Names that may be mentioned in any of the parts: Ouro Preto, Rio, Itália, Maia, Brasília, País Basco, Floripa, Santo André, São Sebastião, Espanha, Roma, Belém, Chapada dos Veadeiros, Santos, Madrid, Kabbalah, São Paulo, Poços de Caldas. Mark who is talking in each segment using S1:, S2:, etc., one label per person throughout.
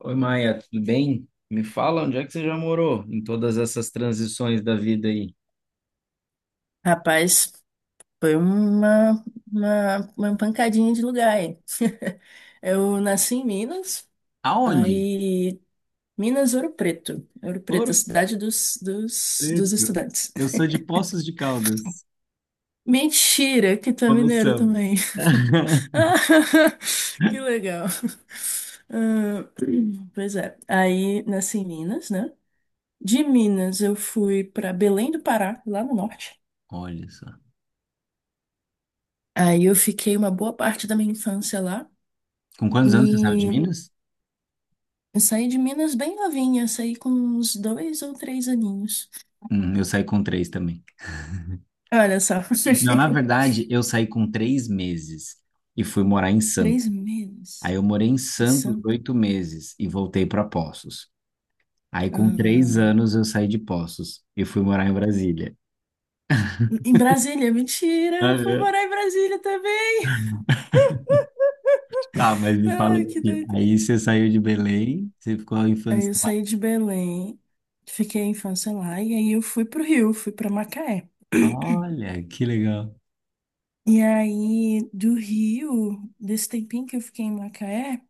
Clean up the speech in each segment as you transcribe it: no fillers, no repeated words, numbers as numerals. S1: Oi, Maia, tudo bem? Me fala onde é que você já morou em todas essas transições da vida aí?
S2: Rapaz, foi uma pancadinha de lugar aí. Eu nasci em Minas,
S1: Aonde?
S2: aí Minas, Ouro Preto. Ouro Preto,
S1: Ouro
S2: a cidade dos
S1: Preto.
S2: estudantes.
S1: Eu sou de Poços de Caldas.
S2: Mentira, que tu é mineiro
S1: Começamos.
S2: também. Ah, Que legal. Ah, pois é, aí nasci em Minas, né? De Minas eu fui para Belém do Pará, lá no norte.
S1: Olha só.
S2: Aí eu fiquei uma boa parte da minha infância lá.
S1: Com quantos anos você saiu de
S2: E
S1: Minas?
S2: Eu saí de Minas bem novinha, saí com uns dois ou três aninhos.
S1: Eu saí com três também.
S2: Olha só.
S1: Não, na verdade, eu saí com 3 meses e fui morar em Santos.
S2: Três
S1: Aí
S2: meses
S1: eu morei em
S2: em
S1: Santos
S2: Santo.
S1: 8 meses e voltei para Poços. Aí com três
S2: Ah,
S1: anos eu saí de Poços e fui morar em Brasília.
S2: em Brasília, mentira, eu fui morar em Brasília também.
S1: Tá, mas me fala
S2: Ai, que
S1: aqui.
S2: doido.
S1: Aí você saiu de Belém, você ficou a
S2: Aí
S1: infância
S2: eu
S1: lá.
S2: saí de Belém, fiquei a infância lá, e aí eu fui pro Rio, fui pra Macaé.
S1: Olha, que legal.
S2: E aí, do Rio, desse tempinho que eu fiquei em Macaé,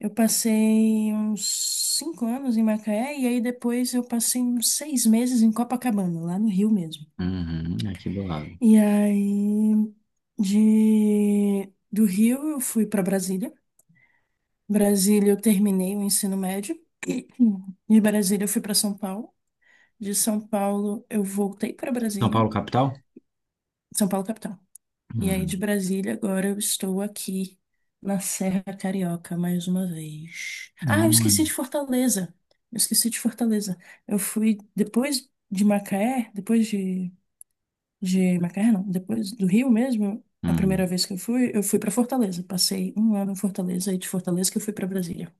S2: eu passei uns 5 anos em Macaé e aí depois eu passei uns 6 meses em Copacabana, lá no Rio mesmo.
S1: Uhum, é aqui do lado.
S2: E aí de do Rio eu fui para Brasília. Brasília eu terminei o ensino médio. De Brasília eu fui para São Paulo. De São Paulo eu voltei para
S1: São
S2: Brasília,
S1: Paulo, capital?
S2: São Paulo capital. E aí, de
S1: Uhum.
S2: Brasília, agora eu estou aqui na Serra Carioca mais uma vez. Ah, eu
S1: Olha,
S2: esqueci de Fortaleza. Eu esqueci de Fortaleza. Eu fui depois de Macaé, depois de Macaé, não, depois do Rio mesmo, a primeira
S1: uhum.
S2: vez que eu fui para Fortaleza. Passei um ano em Fortaleza e de Fortaleza que eu fui para Brasília.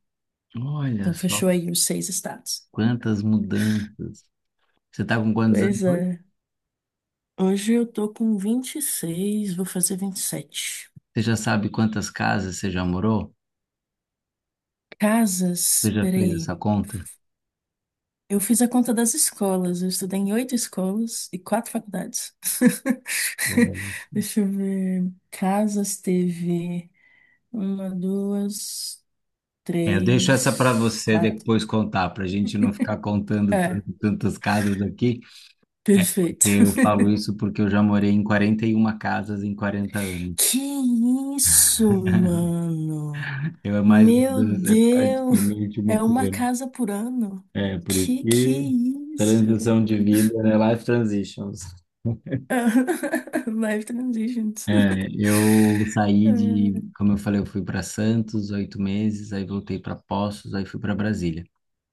S1: Olha
S2: Então,
S1: só
S2: fechou aí os seis estados.
S1: quantas mudanças. Você tá com quantos anos
S2: Pois
S1: hoje?
S2: é. Hoje eu tô com 26, vou fazer 27.
S1: Você já sabe quantas casas você já morou? Você
S2: Casas,
S1: já fez
S2: peraí.
S1: essa conta?
S2: Eu fiz a conta das escolas. Eu estudei em oito escolas e quatro faculdades.
S1: Olha.
S2: Deixa eu ver. Casas teve uma, duas,
S1: É, eu deixo essa para
S2: três,
S1: você
S2: quatro.
S1: depois contar, para a gente não ficar contando tan-
S2: É,
S1: tantas casas aqui. É
S2: perfeito.
S1: porque eu falo isso porque eu já morei em 41 casas em 40 anos.
S2: Que isso, mano?
S1: Eu é mais
S2: Meu
S1: mudança, é
S2: Deus!
S1: praticamente uma
S2: É
S1: por
S2: uma
S1: ano.
S2: casa por ano?
S1: É, por isso
S2: Que é
S1: que
S2: isso?
S1: transição de vida, né? Life transitions.
S2: Life transitions.
S1: É, eu saí
S2: É.
S1: de, como eu falei, eu fui para Santos 8 meses, aí voltei para Poços, aí fui para Brasília.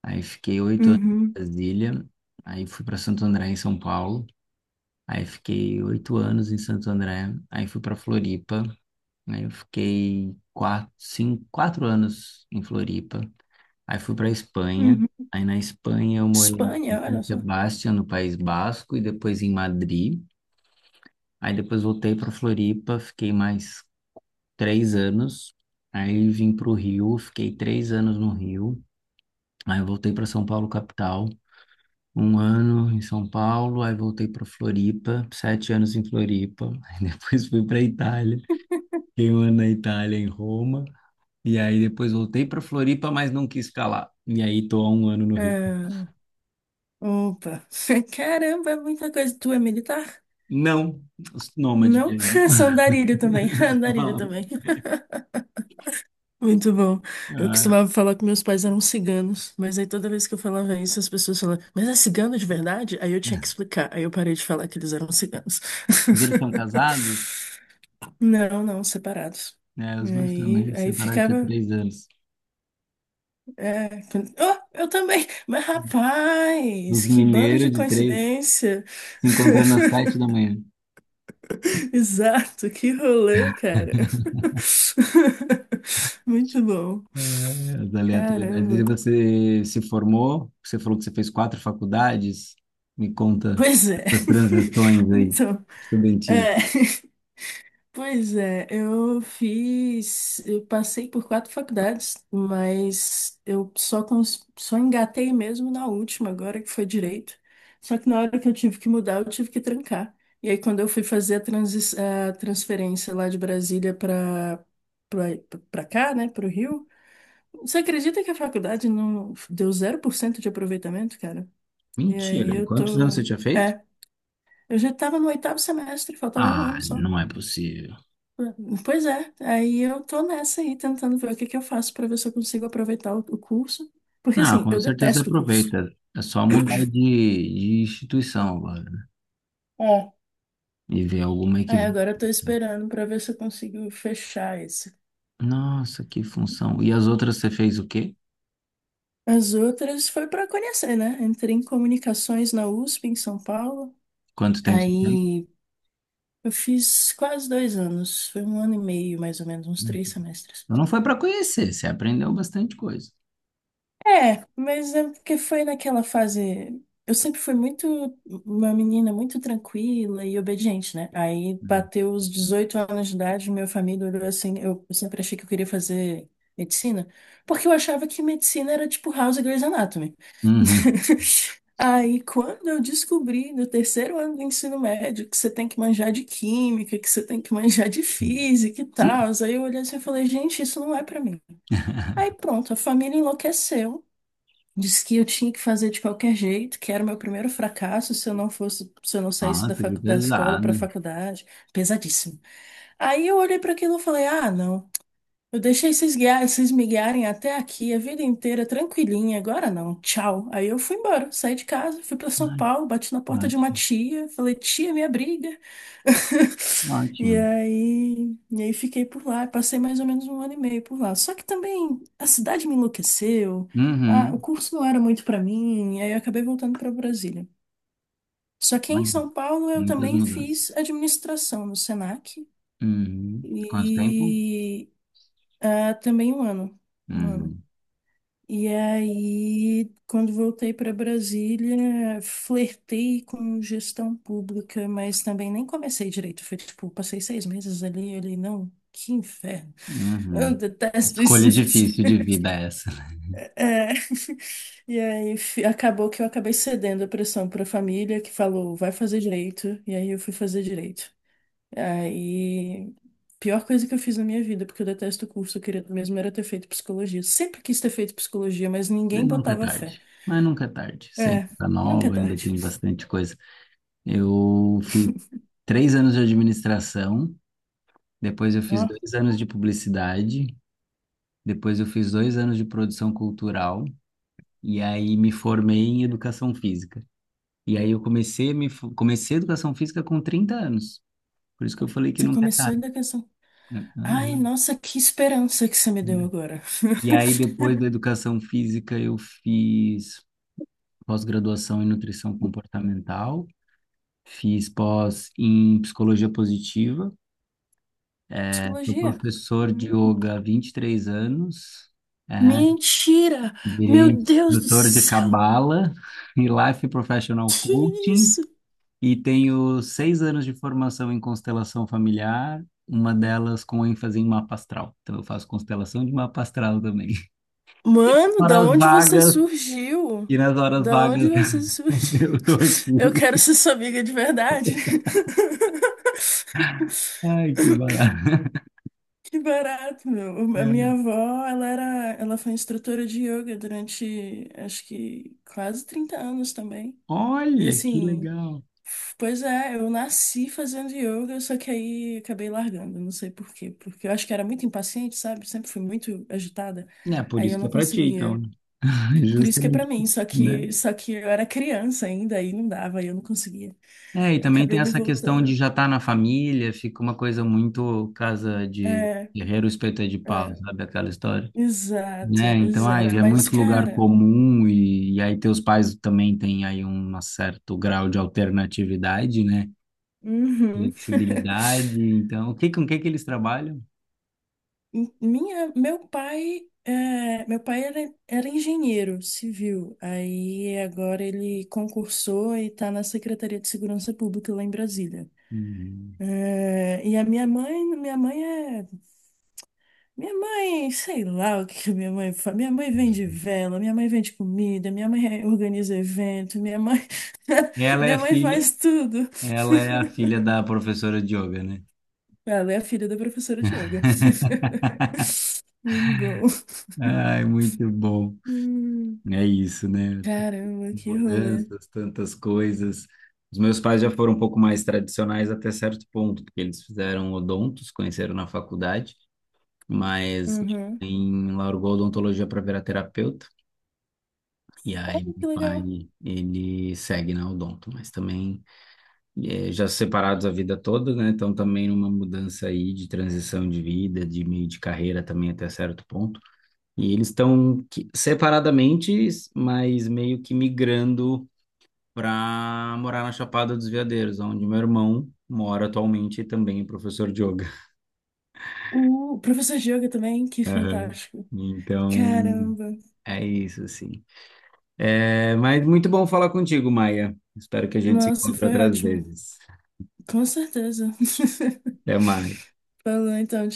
S1: Aí fiquei 8 anos
S2: Uhum,
S1: em Brasília, aí fui para Santo André, em São Paulo. Aí fiquei 8 anos em Santo André, aí fui para Floripa, aí eu fiquei quatro, cinco, quatro anos em Floripa. Aí fui para Espanha.
S2: uhum.
S1: Aí na Espanha eu morei em
S2: Espanha, olha
S1: São
S2: só.
S1: Sebastião, no País Basco, e depois em Madrid. Aí depois voltei para Floripa, fiquei mais 3 anos. Aí vim para o Rio, fiquei 3 anos no Rio. Aí eu voltei para São Paulo, capital. Um ano em São Paulo, aí voltei para Floripa, 7 anos em Floripa. Aí depois fui para Itália, fiquei um ano na Itália, em Roma. E aí depois voltei para Floripa, mas não quis ficar lá. E aí tô há um ano no Rio.
S2: Ah, opa. Caramba, é muita coisa. Tu é militar?
S1: Não, os nômade
S2: Não?
S1: mesmo.
S2: Sou andarilho também. Andarilho
S1: Não.
S2: também. Muito bom. Eu
S1: Ah,
S2: costumava falar que meus pais eram ciganos, mas aí toda vez que eu falava isso, as pessoas falavam, mas é cigano de verdade? Aí eu tinha que
S1: né.
S2: explicar. Aí eu parei de falar que eles eram ciganos.
S1: Eles são casados,
S2: Não, não, separados.
S1: né? Os meus
S2: Aí,
S1: também se
S2: aí
S1: separaram tinha
S2: ficava.
S1: 3 anos.
S2: É, quando- oh, eu também! Mas rapaz,
S1: Os
S2: que bando de
S1: mineiros de três
S2: coincidência!
S1: se encontrando às sete da manhã.
S2: Exato, que rolê, cara. Muito bom.
S1: É, as aleatoriedades. E
S2: Caramba.
S1: você se formou? Você falou que você fez quatro faculdades? Me conta
S2: Pois é.
S1: essas transições aí,
S2: Então,
S1: estudantis.
S2: é, pois é, eu passei por quatro faculdades, mas eu só cons- só engatei mesmo na última agora que foi direito. Só que na hora que eu tive que mudar, eu tive que trancar. E aí quando eu fui fazer a transferência lá de Brasília para cá, né, para o Rio. Você acredita que a faculdade não deu 0% de aproveitamento, cara? E aí
S1: Mentira, e
S2: eu
S1: quantos anos você
S2: tô.
S1: tinha feito?
S2: É, eu já tava no oitavo semestre, faltava um
S1: Ah,
S2: ano só.
S1: não é possível.
S2: Pois é, aí eu tô nessa aí, tentando ver o que que eu faço pra ver se eu consigo aproveitar o curso. Porque
S1: Ah,
S2: assim,
S1: com
S2: eu
S1: certeza
S2: detesto o curso.
S1: aproveita. É só mudar de instituição agora. Né?
S2: É.
S1: E ver alguma que.
S2: Aí agora eu tô esperando pra ver se eu consigo fechar esse.
S1: Nossa, que função. E as outras você fez o quê?
S2: As outras foi pra conhecer, né? Entrei em comunicações na USP, em São Paulo.
S1: Quanto tempo você fez?
S2: Aí. Eu fiz quase 2 anos, foi um ano e meio, mais ou menos, uns
S1: Uhum.
S2: 3 semestres.
S1: Então não foi para conhecer, você aprendeu bastante coisa.
S2: É, mas é porque foi naquela fase. Eu sempre fui muito uma menina muito tranquila e obediente, né? Aí
S1: Uhum.
S2: bateu os 18 anos de idade, minha família olhou assim, eu sempre achei que eu queria fazer medicina, porque eu achava que medicina era tipo House e Grey's Anatomy.
S1: Uhum.
S2: Aí quando eu descobri no terceiro ano do ensino médio que você tem que manjar de química, que você tem que manjar de física e tal, aí eu olhei assim e falei, gente, isso não é pra mim. Aí pronto, a família enlouqueceu. Disse que eu tinha que fazer de qualquer jeito, que era o meu primeiro fracasso se eu não fosse, se eu não saísse da,
S1: Nossa, que
S2: facu- da escola para a
S1: pesado.
S2: faculdade. Pesadíssimo. Aí eu olhei para aquilo e falei: ah, não. Eu deixei vocês guiar, vocês me guiarem até aqui a vida inteira, tranquilinha. Agora não, tchau. Aí eu fui embora, saí de casa, fui pra São
S1: Ai,
S2: Paulo, bati na porta de uma
S1: ótimo.
S2: tia, falei, tia, me abriga. E
S1: Ótimo.
S2: aí, e aí fiquei por lá, passei mais ou menos um ano e meio por lá. Só que também a cidade me enlouqueceu, ah, o
S1: Uhum.
S2: curso não era muito pra mim, aí eu acabei voltando pra Brasília. Só que em
S1: Olha,
S2: São Paulo eu
S1: muitas
S2: também
S1: mudanças.
S2: fiz administração no Senac
S1: Uhum. Quanto tempo?
S2: e também um ano. Um ano.
S1: Uhum.
S2: E aí, quando voltei para Brasília, flertei com gestão pública, mas também nem comecei direito. Foi tipo, passei 6 meses ali, eu olhei, não, que inferno. Eu
S1: Uhum.
S2: detesto isso.
S1: Escolha difícil de vida essa.
S2: É. E aí, fi- acabou que eu acabei cedendo a pressão para a família, que falou, vai fazer direito. E aí, eu fui fazer direito. Aí, pior coisa que eu fiz na minha vida, porque eu detesto o curso, eu queria mesmo era ter feito psicologia. Sempre quis ter feito psicologia, mas
S1: Mas
S2: ninguém
S1: nunca é
S2: botava fé.
S1: tarde. Mas nunca é tarde. Sempre
S2: É,
S1: tá
S2: não é
S1: nova, ainda
S2: verdade.
S1: tem bastante coisa. Eu fiz 3 anos de administração, depois eu
S2: Ó,
S1: fiz 2 anos de publicidade, depois eu fiz 2 anos de produção cultural, e aí me formei em educação física. E aí eu comecei a educação física com 30 anos. Por isso que eu falei que
S2: você
S1: não.
S2: começou da questão. Ai,
S1: Aham.
S2: nossa, que esperança que você me deu agora.
S1: E aí, depois da educação física, eu fiz pós-graduação em nutrição comportamental, fiz pós em psicologia positiva. Sou
S2: Psicologia.
S1: professor de
S2: Hum.
S1: yoga há 23 anos, é,
S2: Mentira! Meu
S1: virei
S2: Deus do
S1: instrutor de
S2: céu!
S1: Kabbalah e Life Professional
S2: Que
S1: Coaching
S2: isso?
S1: e tenho 6 anos de formação em constelação familiar, uma delas com ênfase em mapa astral. Então eu faço constelação de mapa astral também.
S2: Mano, da
S1: Horas
S2: onde você
S1: vagas,
S2: surgiu?
S1: e nas horas
S2: Da
S1: vagas
S2: onde você surgiu?
S1: eu tô
S2: Eu
S1: aqui.
S2: quero ser sua amiga de verdade.
S1: Ai, que barato.
S2: Que barato, meu. A minha avó, ela era, ela foi instrutora de yoga durante, acho que quase 30 anos também. E
S1: Olha, que
S2: assim,
S1: legal.
S2: pois é, eu nasci fazendo yoga, só que aí acabei largando, não sei por quê, porque eu acho que era muito impaciente, sabe? Sempre fui muito agitada.
S1: É por
S2: Aí
S1: isso
S2: eu
S1: que
S2: não
S1: é pra ti,
S2: conseguia.
S1: então,
S2: Por isso que é pra
S1: justamente,
S2: mim, só
S1: né?
S2: que só que eu era criança ainda, aí não dava, aí eu não conseguia.
S1: É, e também
S2: Acabei
S1: tem
S2: não
S1: essa questão
S2: voltando.
S1: de já estar na família, fica uma coisa muito casa de
S2: É,
S1: guerreiro espeto é de pau,
S2: é,
S1: sabe aquela história?
S2: exato,
S1: Né? Então, ai
S2: exato.
S1: é
S2: Mas,
S1: muito lugar
S2: cara,
S1: comum e aí teus pais também têm aí um certo grau de alternatividade, né?
S2: uhum.
S1: Flexibilidade. Então, o que, com o que que eles trabalham?
S2: M- Minha, meu pai, é, meu pai era engenheiro civil. Aí agora ele concursou e está na Secretaria de Segurança Pública lá em Brasília.
S1: Uhum.
S2: É, e a minha mãe, sei lá o que que minha mãe faz. Minha mãe vende vela, minha mãe vende comida, minha mãe organiza evento, minha mãe,
S1: Ela é
S2: minha mãe
S1: filha,
S2: faz tudo.
S1: ela é a filha da professora de yoga, né?
S2: Ela é a filha da professora de yoga. Muito bom.
S1: Ai, muito bom.
S2: Hum,
S1: É isso, né?
S2: caramba, que rolê.
S1: Mudanças, tantas coisas. Os meus pais já foram um pouco mais tradicionais até certo ponto, porque eles fizeram odontos, conheceram na faculdade, mas
S2: Uhum.
S1: em largou a odontologia para virar terapeuta. E
S2: Ah,
S1: aí, meu
S2: que
S1: pai,
S2: legal.
S1: ele segue na odonto, mas também já separados a vida toda, né? Então, também uma mudança aí de transição de vida, de meio de carreira também até certo ponto. E eles estão separadamente, mas meio que migrando para morar na Chapada dos Veadeiros, onde meu irmão mora atualmente e também é professor de yoga.
S2: O professor de yoga também, que
S1: Aham.
S2: fantástico.
S1: Então,
S2: Caramba.
S1: é isso, assim. É, mas muito bom falar contigo, Maia. Espero que a gente se
S2: Nossa,
S1: encontre
S2: foi
S1: outras
S2: ótimo.
S1: vezes.
S2: Com certeza.
S1: Até mais.
S2: Falou então.